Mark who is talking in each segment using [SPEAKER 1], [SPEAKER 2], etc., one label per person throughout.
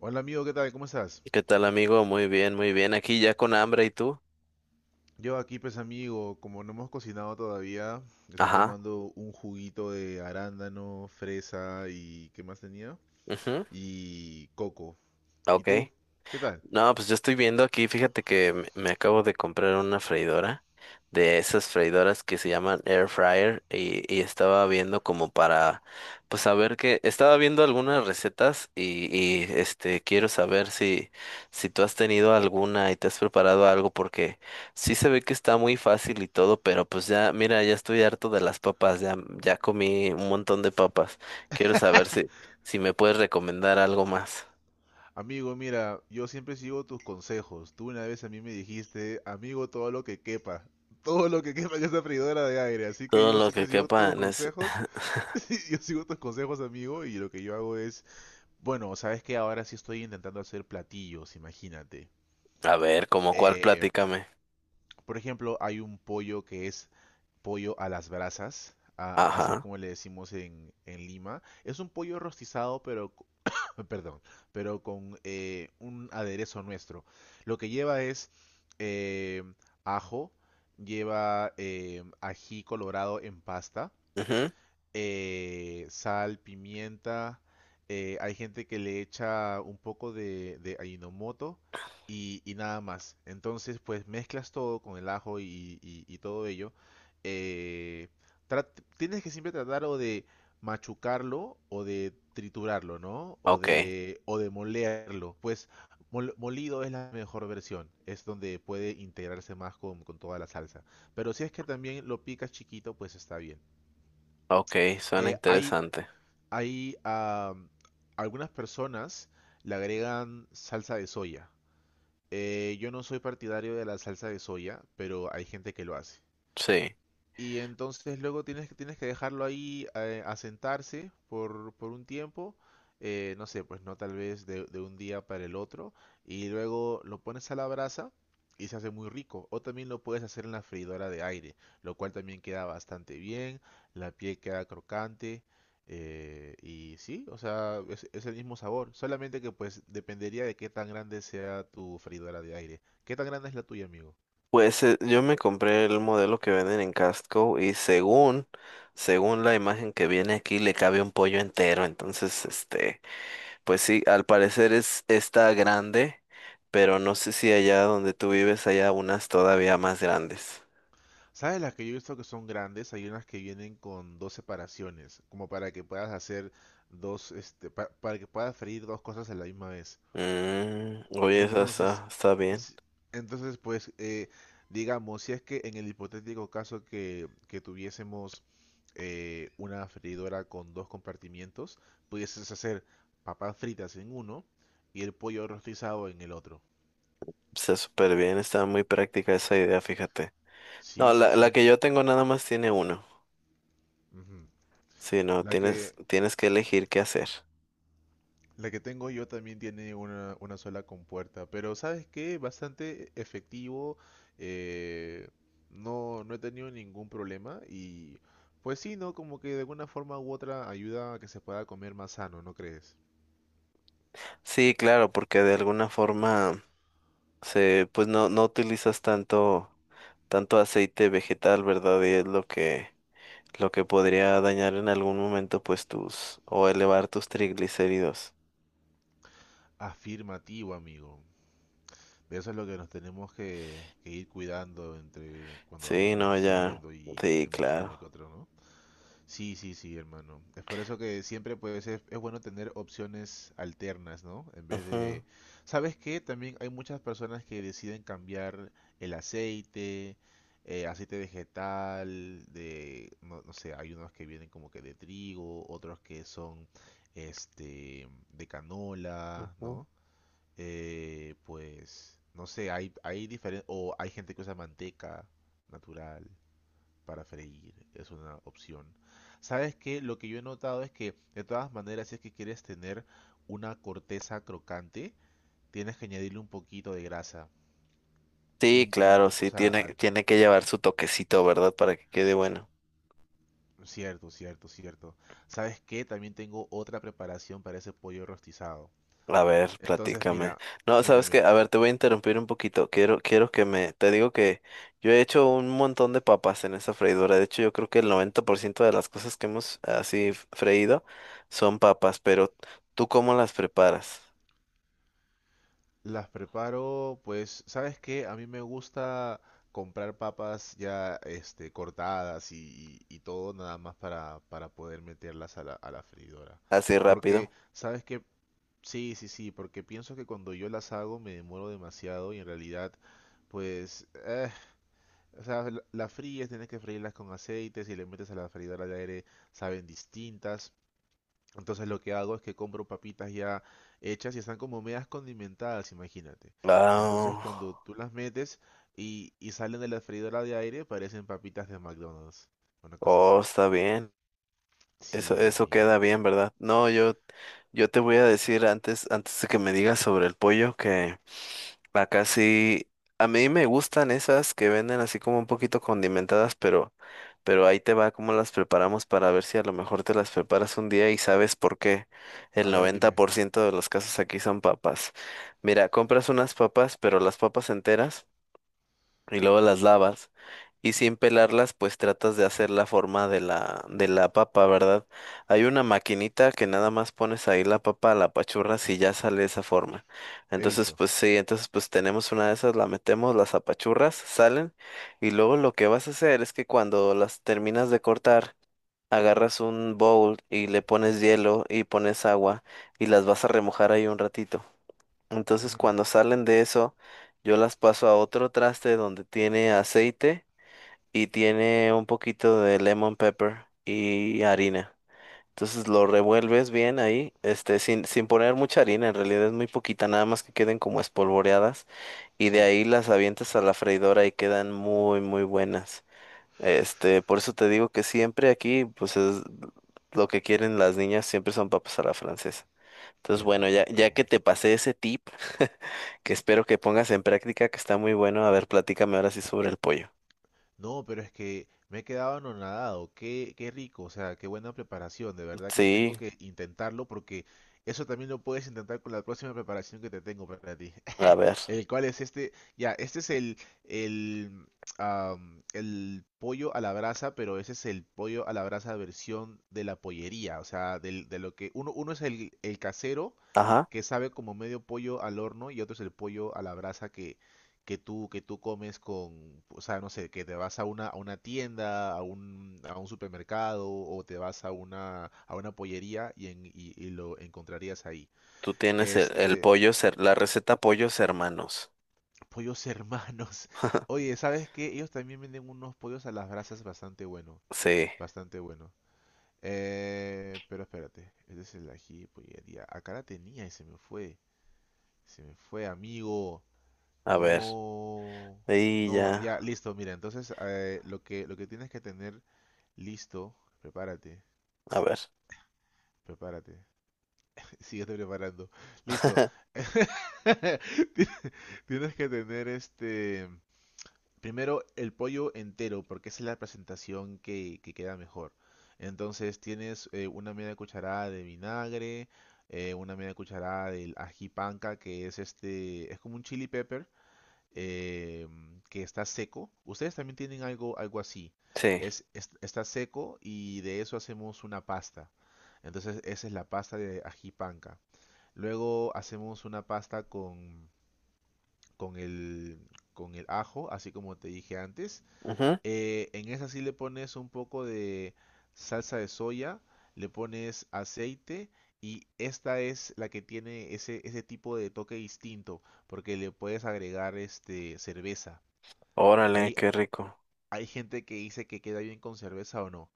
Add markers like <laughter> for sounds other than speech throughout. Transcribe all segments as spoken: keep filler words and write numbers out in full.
[SPEAKER 1] Hola amigo, ¿qué tal? ¿Cómo estás?
[SPEAKER 2] ¿Qué tal, amigo? Muy bien, muy bien. Aquí ya con hambre, ¿y tú?
[SPEAKER 1] Yo aquí pues amigo, como no hemos cocinado todavía, estoy
[SPEAKER 2] Ajá.
[SPEAKER 1] tomando un juguito de arándano, fresa y ¿qué más tenía?
[SPEAKER 2] ujú,
[SPEAKER 1] Y coco. ¿Y
[SPEAKER 2] Ok.
[SPEAKER 1] tú? ¿Qué tal?
[SPEAKER 2] No, pues yo estoy viendo aquí, fíjate que me me acabo de comprar una freidora de esas freidoras que se llaman air fryer y, y estaba viendo como para, pues saber que, estaba viendo algunas recetas y, y este, quiero saber si, si, tú has tenido alguna y te has preparado algo porque sí se ve que está muy fácil y todo, pero pues ya, mira, ya estoy harto de las papas, ya, ya comí un montón de papas. Quiero saber si, si me puedes recomendar algo más.
[SPEAKER 1] Amigo, mira, yo siempre sigo tus consejos. Tú una vez a mí me dijiste, amigo, todo lo que quepa. Todo lo que quepa en esta freidora de aire. Así que
[SPEAKER 2] Todo
[SPEAKER 1] yo
[SPEAKER 2] lo que
[SPEAKER 1] siempre sigo
[SPEAKER 2] quepa
[SPEAKER 1] tus
[SPEAKER 2] en ese.
[SPEAKER 1] consejos.
[SPEAKER 2] <laughs>
[SPEAKER 1] <laughs> Yo sigo tus consejos, amigo, y lo que yo hago es... Bueno, sabes que ahora sí estoy intentando hacer platillos, imagínate.
[SPEAKER 2] A ver, ¿como cuál?
[SPEAKER 1] Eh,
[SPEAKER 2] Platícame.
[SPEAKER 1] Por ejemplo, hay un pollo que es pollo a las brasas, a- así es
[SPEAKER 2] Ajá.
[SPEAKER 1] como le decimos en, en Lima. Es un pollo rostizado, pero, co- <coughs> perdón, pero con eh, un aderezo nuestro. Lo que lleva es eh, ajo, lleva eh, ají colorado en pasta,
[SPEAKER 2] ujú,
[SPEAKER 1] eh, sal, pimienta. eh, hay gente que le echa un poco de, de Ajinomoto y, y nada más. Entonces, pues mezclas todo con el ajo y, y- y todo ello. eh, trat- Tienes que siempre tratar o de machucarlo o de triturarlo, ¿no? O
[SPEAKER 2] Ok.
[SPEAKER 1] de, o de molerlo. Pues mol- molido es la mejor versión. Es donde puede integrarse más con, con toda la salsa. Pero si es que también lo picas chiquito, pues está bien.
[SPEAKER 2] Ok, suena
[SPEAKER 1] Eh, hay,
[SPEAKER 2] interesante.
[SPEAKER 1] hay ah, algunas personas le agregan salsa de soya. Eh, yo no soy partidario de la salsa de soya, pero hay gente que lo hace.
[SPEAKER 2] Sí.
[SPEAKER 1] Y entonces luego tienes que, tienes que dejarlo ahí eh, asentarse por, por un tiempo, eh, no sé, pues no tal vez de, de un día para el otro, y luego lo pones a la brasa y se hace muy rico. O también lo puedes hacer en la freidora de aire, lo cual también queda bastante bien, la piel queda crocante, eh, y sí, o sea, es, es el mismo sabor, solamente que pues dependería de qué tan grande sea tu freidora de aire. ¿Qué tan grande es la tuya, amigo?
[SPEAKER 2] Pues eh, yo me compré el modelo que venden en Costco y según, según la imagen que viene aquí, le cabe un pollo entero. Entonces, este, pues sí, al parecer es, está grande, pero no sé si allá donde tú vives haya unas todavía más grandes.
[SPEAKER 1] ¿Sabes las que yo he visto que son grandes? Hay unas que vienen con dos separaciones, como para que puedas hacer dos, este, pa- para que puedas freír dos cosas a la misma vez.
[SPEAKER 2] Mm, oye, esa
[SPEAKER 1] Entonces,
[SPEAKER 2] está, está bien.
[SPEAKER 1] si- entonces pues, eh, digamos, si es que en el hipotético caso que, que tuviésemos eh, una freidora con dos compartimientos, pudieses hacer papas fritas en uno y el pollo rostizado en el otro.
[SPEAKER 2] Está súper bien, está muy práctica esa idea, fíjate. No,
[SPEAKER 1] Sí, sí,
[SPEAKER 2] la, la
[SPEAKER 1] sí.
[SPEAKER 2] que yo tengo nada más tiene uno.
[SPEAKER 1] Ujú.
[SPEAKER 2] Sí, no,
[SPEAKER 1] La
[SPEAKER 2] tienes,
[SPEAKER 1] que,
[SPEAKER 2] tienes que elegir qué hacer.
[SPEAKER 1] La que tengo yo también tiene una, una sola compuerta, pero ¿sabes qué? Bastante efectivo, eh, no, no, he tenido ningún problema y pues sí, ¿no? Como que de alguna forma u otra ayuda a que se pueda comer más sano, ¿no crees?
[SPEAKER 2] Sí, claro, porque de alguna forma se, pues no, no utilizas tanto, tanto aceite vegetal, ¿verdad? Y es lo que, lo que podría dañar en algún momento, pues tus, o elevar tus triglicéridos.
[SPEAKER 1] Afirmativo, amigo. De eso es lo que nos tenemos que, que ir cuidando entre cuando vamos
[SPEAKER 2] Sí, no, ya.
[SPEAKER 1] envejeciendo y
[SPEAKER 2] Sí,
[SPEAKER 1] tenemos uno
[SPEAKER 2] claro.
[SPEAKER 1] y que otro, ¿no? Sí, sí, sí, hermano. Es por eso que siempre pues es, es bueno tener opciones alternas, ¿no? En vez de...
[SPEAKER 2] Ujú,
[SPEAKER 1] ¿Sabes qué? También hay muchas personas que deciden cambiar el aceite, eh, aceite vegetal, de... No, no sé, hay unos que vienen como que de trigo, otros que son este de canola,
[SPEAKER 2] ujú.
[SPEAKER 1] ¿no? Eh, pues, no sé, hay, hay diferentes... O hay gente que usa manteca natural para freír es una opción. Sabes que lo que yo he notado es que de todas maneras si es que quieres tener una corteza crocante, tienes que añadirle un poquito de grasa.
[SPEAKER 2] Sí,
[SPEAKER 1] Un, un-
[SPEAKER 2] claro,
[SPEAKER 1] o
[SPEAKER 2] sí,
[SPEAKER 1] sea,
[SPEAKER 2] tiene,
[SPEAKER 1] al-
[SPEAKER 2] tiene que llevar
[SPEAKER 1] ¿no?
[SPEAKER 2] su toquecito, ¿verdad? Para que quede bueno.
[SPEAKER 1] Cierto, cierto, cierto. ¿Sabes qué? También tengo otra preparación para ese pollo rostizado.
[SPEAKER 2] A ver,
[SPEAKER 1] Entonces,
[SPEAKER 2] platícame.
[SPEAKER 1] mira,
[SPEAKER 2] No,
[SPEAKER 1] mira,
[SPEAKER 2] sabes qué,
[SPEAKER 1] mira.
[SPEAKER 2] a ver, te voy a interrumpir un poquito. Quiero, quiero que me, te digo que yo he hecho un montón de papas en esa freidora. De hecho, yo creo que el noventa por ciento de las cosas que hemos así f- freído son papas, pero ¿tú cómo las preparas?
[SPEAKER 1] Las preparo, pues, ¿sabes qué? A mí me gusta comprar papas ya este, cortadas y, y- y todo nada más para, para poder meterlas a la, a la freidora.
[SPEAKER 2] Así
[SPEAKER 1] Porque,
[SPEAKER 2] rápido.
[SPEAKER 1] ¿sabes qué? Sí, sí, sí, porque pienso que cuando yo las hago me demoro demasiado y en realidad, pues, eh, o sea, la- las fríes, tienes que freírlas con aceites y le metes a la freidora de aire, saben distintas. Entonces lo que hago es que compro papitas ya hechas y están como medias condimentadas, imagínate. Entonces
[SPEAKER 2] Ah,
[SPEAKER 1] cuando tú las metes y, y salen de la freidora de aire, parecen papitas de McDonald's. Una cosa
[SPEAKER 2] oh,
[SPEAKER 1] así.
[SPEAKER 2] está bien. Eso,
[SPEAKER 1] Sí,
[SPEAKER 2] eso queda
[SPEAKER 1] amigo.
[SPEAKER 2] bien, ¿verdad? No, yo, yo te voy a decir antes, antes de que me digas sobre el pollo que acá sí, a mí me gustan esas que venden así como un poquito condimentadas, pero, pero ahí te va cómo las preparamos para ver si a lo mejor te las preparas un día y sabes por qué. El
[SPEAKER 1] A ver,
[SPEAKER 2] noventa
[SPEAKER 1] dime.
[SPEAKER 2] por ciento de los casos aquí son papas. Mira, compras unas papas, pero las papas enteras y luego las lavas. Y sin pelarlas, pues tratas de hacer la forma de la, de la papa, ¿verdad? Hay una maquinita que nada más pones ahí la papa, la apachurras y ya sale esa forma.
[SPEAKER 1] He
[SPEAKER 2] Entonces,
[SPEAKER 1] visto.
[SPEAKER 2] pues sí, entonces pues tenemos una de esas, la metemos, las apachurras, salen. Y luego lo que vas a hacer es que cuando las terminas de cortar, agarras un bowl y le pones hielo y pones agua y las vas a remojar ahí un ratito. Entonces,
[SPEAKER 1] Ujú.
[SPEAKER 2] cuando salen de eso, yo las paso a otro traste donde tiene aceite y tiene un poquito de lemon pepper y harina. Entonces lo revuelves bien ahí, este, sin, sin poner mucha harina, en realidad es muy poquita, nada más que queden como espolvoreadas y de
[SPEAKER 1] Sí,
[SPEAKER 2] ahí las avientas a la freidora y quedan muy, muy buenas. Este, por eso te digo que siempre aquí, pues es lo que quieren las niñas, siempre son papas a la francesa. Entonces,
[SPEAKER 1] qué
[SPEAKER 2] bueno, ya,
[SPEAKER 1] rico.
[SPEAKER 2] ya que te pasé ese tip, <laughs> que espero que pongas en práctica, que está muy bueno, a ver, platícame ahora sí sobre el pollo.
[SPEAKER 1] No, pero es que me he quedado anonadado. Qué, qué rico, o sea, qué buena preparación. De verdad que
[SPEAKER 2] Sí,
[SPEAKER 1] tengo que intentarlo porque eso también lo puedes intentar con la próxima preparación que te tengo para ti.
[SPEAKER 2] a ver.
[SPEAKER 1] El cual es este, ya, este es el, el, am, el pollo a la brasa, pero ese es el pollo a la brasa versión de la pollería, o sea, del- de lo que uno, uno es el, el casero
[SPEAKER 2] Ajá.
[SPEAKER 1] que sabe como medio pollo al horno y otro es el pollo a la brasa que, que tú, que tú comes con, o sea, no sé, que te vas a una, a una, tienda, a un, a un supermercado o te vas a una, a una pollería y, en- y y lo encontrarías ahí.
[SPEAKER 2] Tú tienes el, el
[SPEAKER 1] Este,
[SPEAKER 2] pollo, cer- la receta pollos hermanos.
[SPEAKER 1] Pollos hermanos. <laughs> Oye, ¿sabes qué? Ellos también venden unos pollos a las brasas bastante bueno.
[SPEAKER 2] Sí,
[SPEAKER 1] Bastante bueno. Eh, pero espérate. Este es el ají pollería. Acá la tenía y se me fue. Se me fue, amigo.
[SPEAKER 2] a ver.
[SPEAKER 1] No.
[SPEAKER 2] Y
[SPEAKER 1] No,
[SPEAKER 2] ya,
[SPEAKER 1] ya, listo. Mira, entonces eh, lo que, lo que tienes que tener listo. Prepárate.
[SPEAKER 2] a ver.
[SPEAKER 1] Prepárate. <laughs> Síguete preparando. Listo.
[SPEAKER 2] <laughs>
[SPEAKER 1] <laughs> Tienes que tener este. Primero el pollo entero, porque esa es la presentación que, que queda mejor. Entonces tienes eh, una media cucharada de vinagre, eh, una media cucharada del ají panca, que es este, es como un chili pepper eh, que está seco. Ustedes también tienen algo, algo así.
[SPEAKER 2] Sí.
[SPEAKER 1] Es, es- está seco y de eso hacemos una pasta. Entonces esa es la pasta de ají panca. Luego hacemos una pasta con, con el, con el ajo, así como te dije antes
[SPEAKER 2] Ujú.
[SPEAKER 1] eh, en esa sí le pones un poco de salsa de soya, le pones aceite y esta es la que tiene ese, ese tipo de toque distinto porque le puedes agregar este cerveza.
[SPEAKER 2] Órale,
[SPEAKER 1] Hay,
[SPEAKER 2] qué rico.
[SPEAKER 1] hay gente que dice que queda bien con cerveza o no.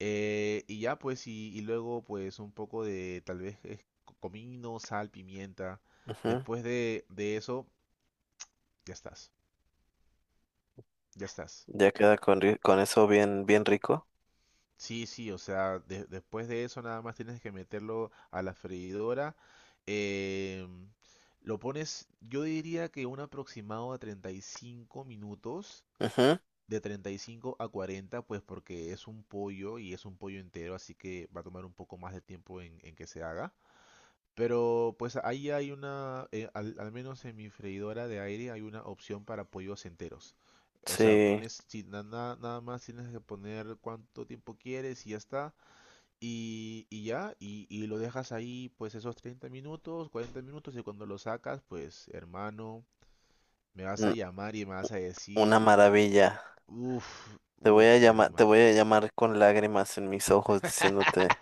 [SPEAKER 1] Eh, y ya pues y, y luego pues un poco de tal vez eh, co- comino, sal, pimienta.
[SPEAKER 2] Ujú.
[SPEAKER 1] Después de, de eso ya estás, ya estás.
[SPEAKER 2] Ya queda con, ri- con eso bien, bien rico.
[SPEAKER 1] Sí, sí, o sea, de- después de eso nada más tienes que meterlo a la freidora. em, lo pones, yo diría que un aproximado a treinta y cinco minutos,
[SPEAKER 2] Ujú.
[SPEAKER 1] de treinta y cinco a cuarenta, pues porque es un pollo y es un pollo entero, así que va a tomar un poco más de tiempo en, en que se haga. Pero pues ahí hay una, eh, al, al menos en mi freidora de aire hay una opción para pollos enteros. O sea,
[SPEAKER 2] Sí,
[SPEAKER 1] pones, si na- na- nada más tienes que poner cuánto tiempo quieres y ya está. Y, y ya, y, y lo dejas ahí pues esos treinta minutos, cuarenta minutos y cuando lo sacas, pues hermano, me vas a
[SPEAKER 2] n-
[SPEAKER 1] llamar y me vas a decir,
[SPEAKER 2] una maravilla.
[SPEAKER 1] uff,
[SPEAKER 2] Te voy a
[SPEAKER 1] uff,
[SPEAKER 2] llamar, te
[SPEAKER 1] hermano.
[SPEAKER 2] voy a llamar con lágrimas en mis ojos diciéndote,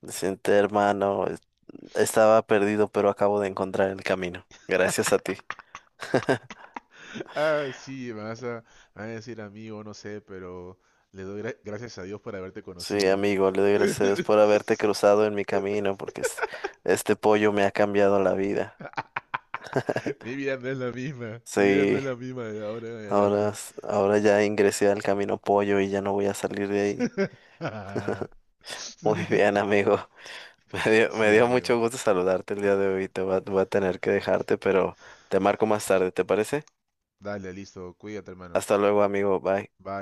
[SPEAKER 2] diciéndote, hermano, es- estaba perdido, pero acabo de encontrar el camino. Gracias a ti. <laughs>
[SPEAKER 1] <laughs> Ah, sí, me vas a, me vas a, decir amigo, no sé, pero le doy gra- gracias a Dios por haberte
[SPEAKER 2] Sí,
[SPEAKER 1] conocido.
[SPEAKER 2] amigo, le doy gracias a Dios por
[SPEAKER 1] <laughs>
[SPEAKER 2] haberte cruzado en mi camino, porque es- este pollo me ha cambiado la vida.
[SPEAKER 1] Mi
[SPEAKER 2] <laughs>
[SPEAKER 1] vida no es la misma, mi vida no
[SPEAKER 2] Sí,
[SPEAKER 1] es la misma de ahora en
[SPEAKER 2] ahora,
[SPEAKER 1] adelante.
[SPEAKER 2] s- ahora ya ingresé al camino pollo y ya no voy a salir de ahí. <laughs>
[SPEAKER 1] <laughs>
[SPEAKER 2] Muy bien, amigo. <laughs> Me dio, me
[SPEAKER 1] Sí,
[SPEAKER 2] dio mucho
[SPEAKER 1] amigo.
[SPEAKER 2] gusto saludarte el día de hoy. Te va- voy a tener que dejarte, pero te marco más tarde, ¿te parece?
[SPEAKER 1] Dale, listo, cuídate, hermano.
[SPEAKER 2] Hasta luego, amigo. Bye.
[SPEAKER 1] Bye.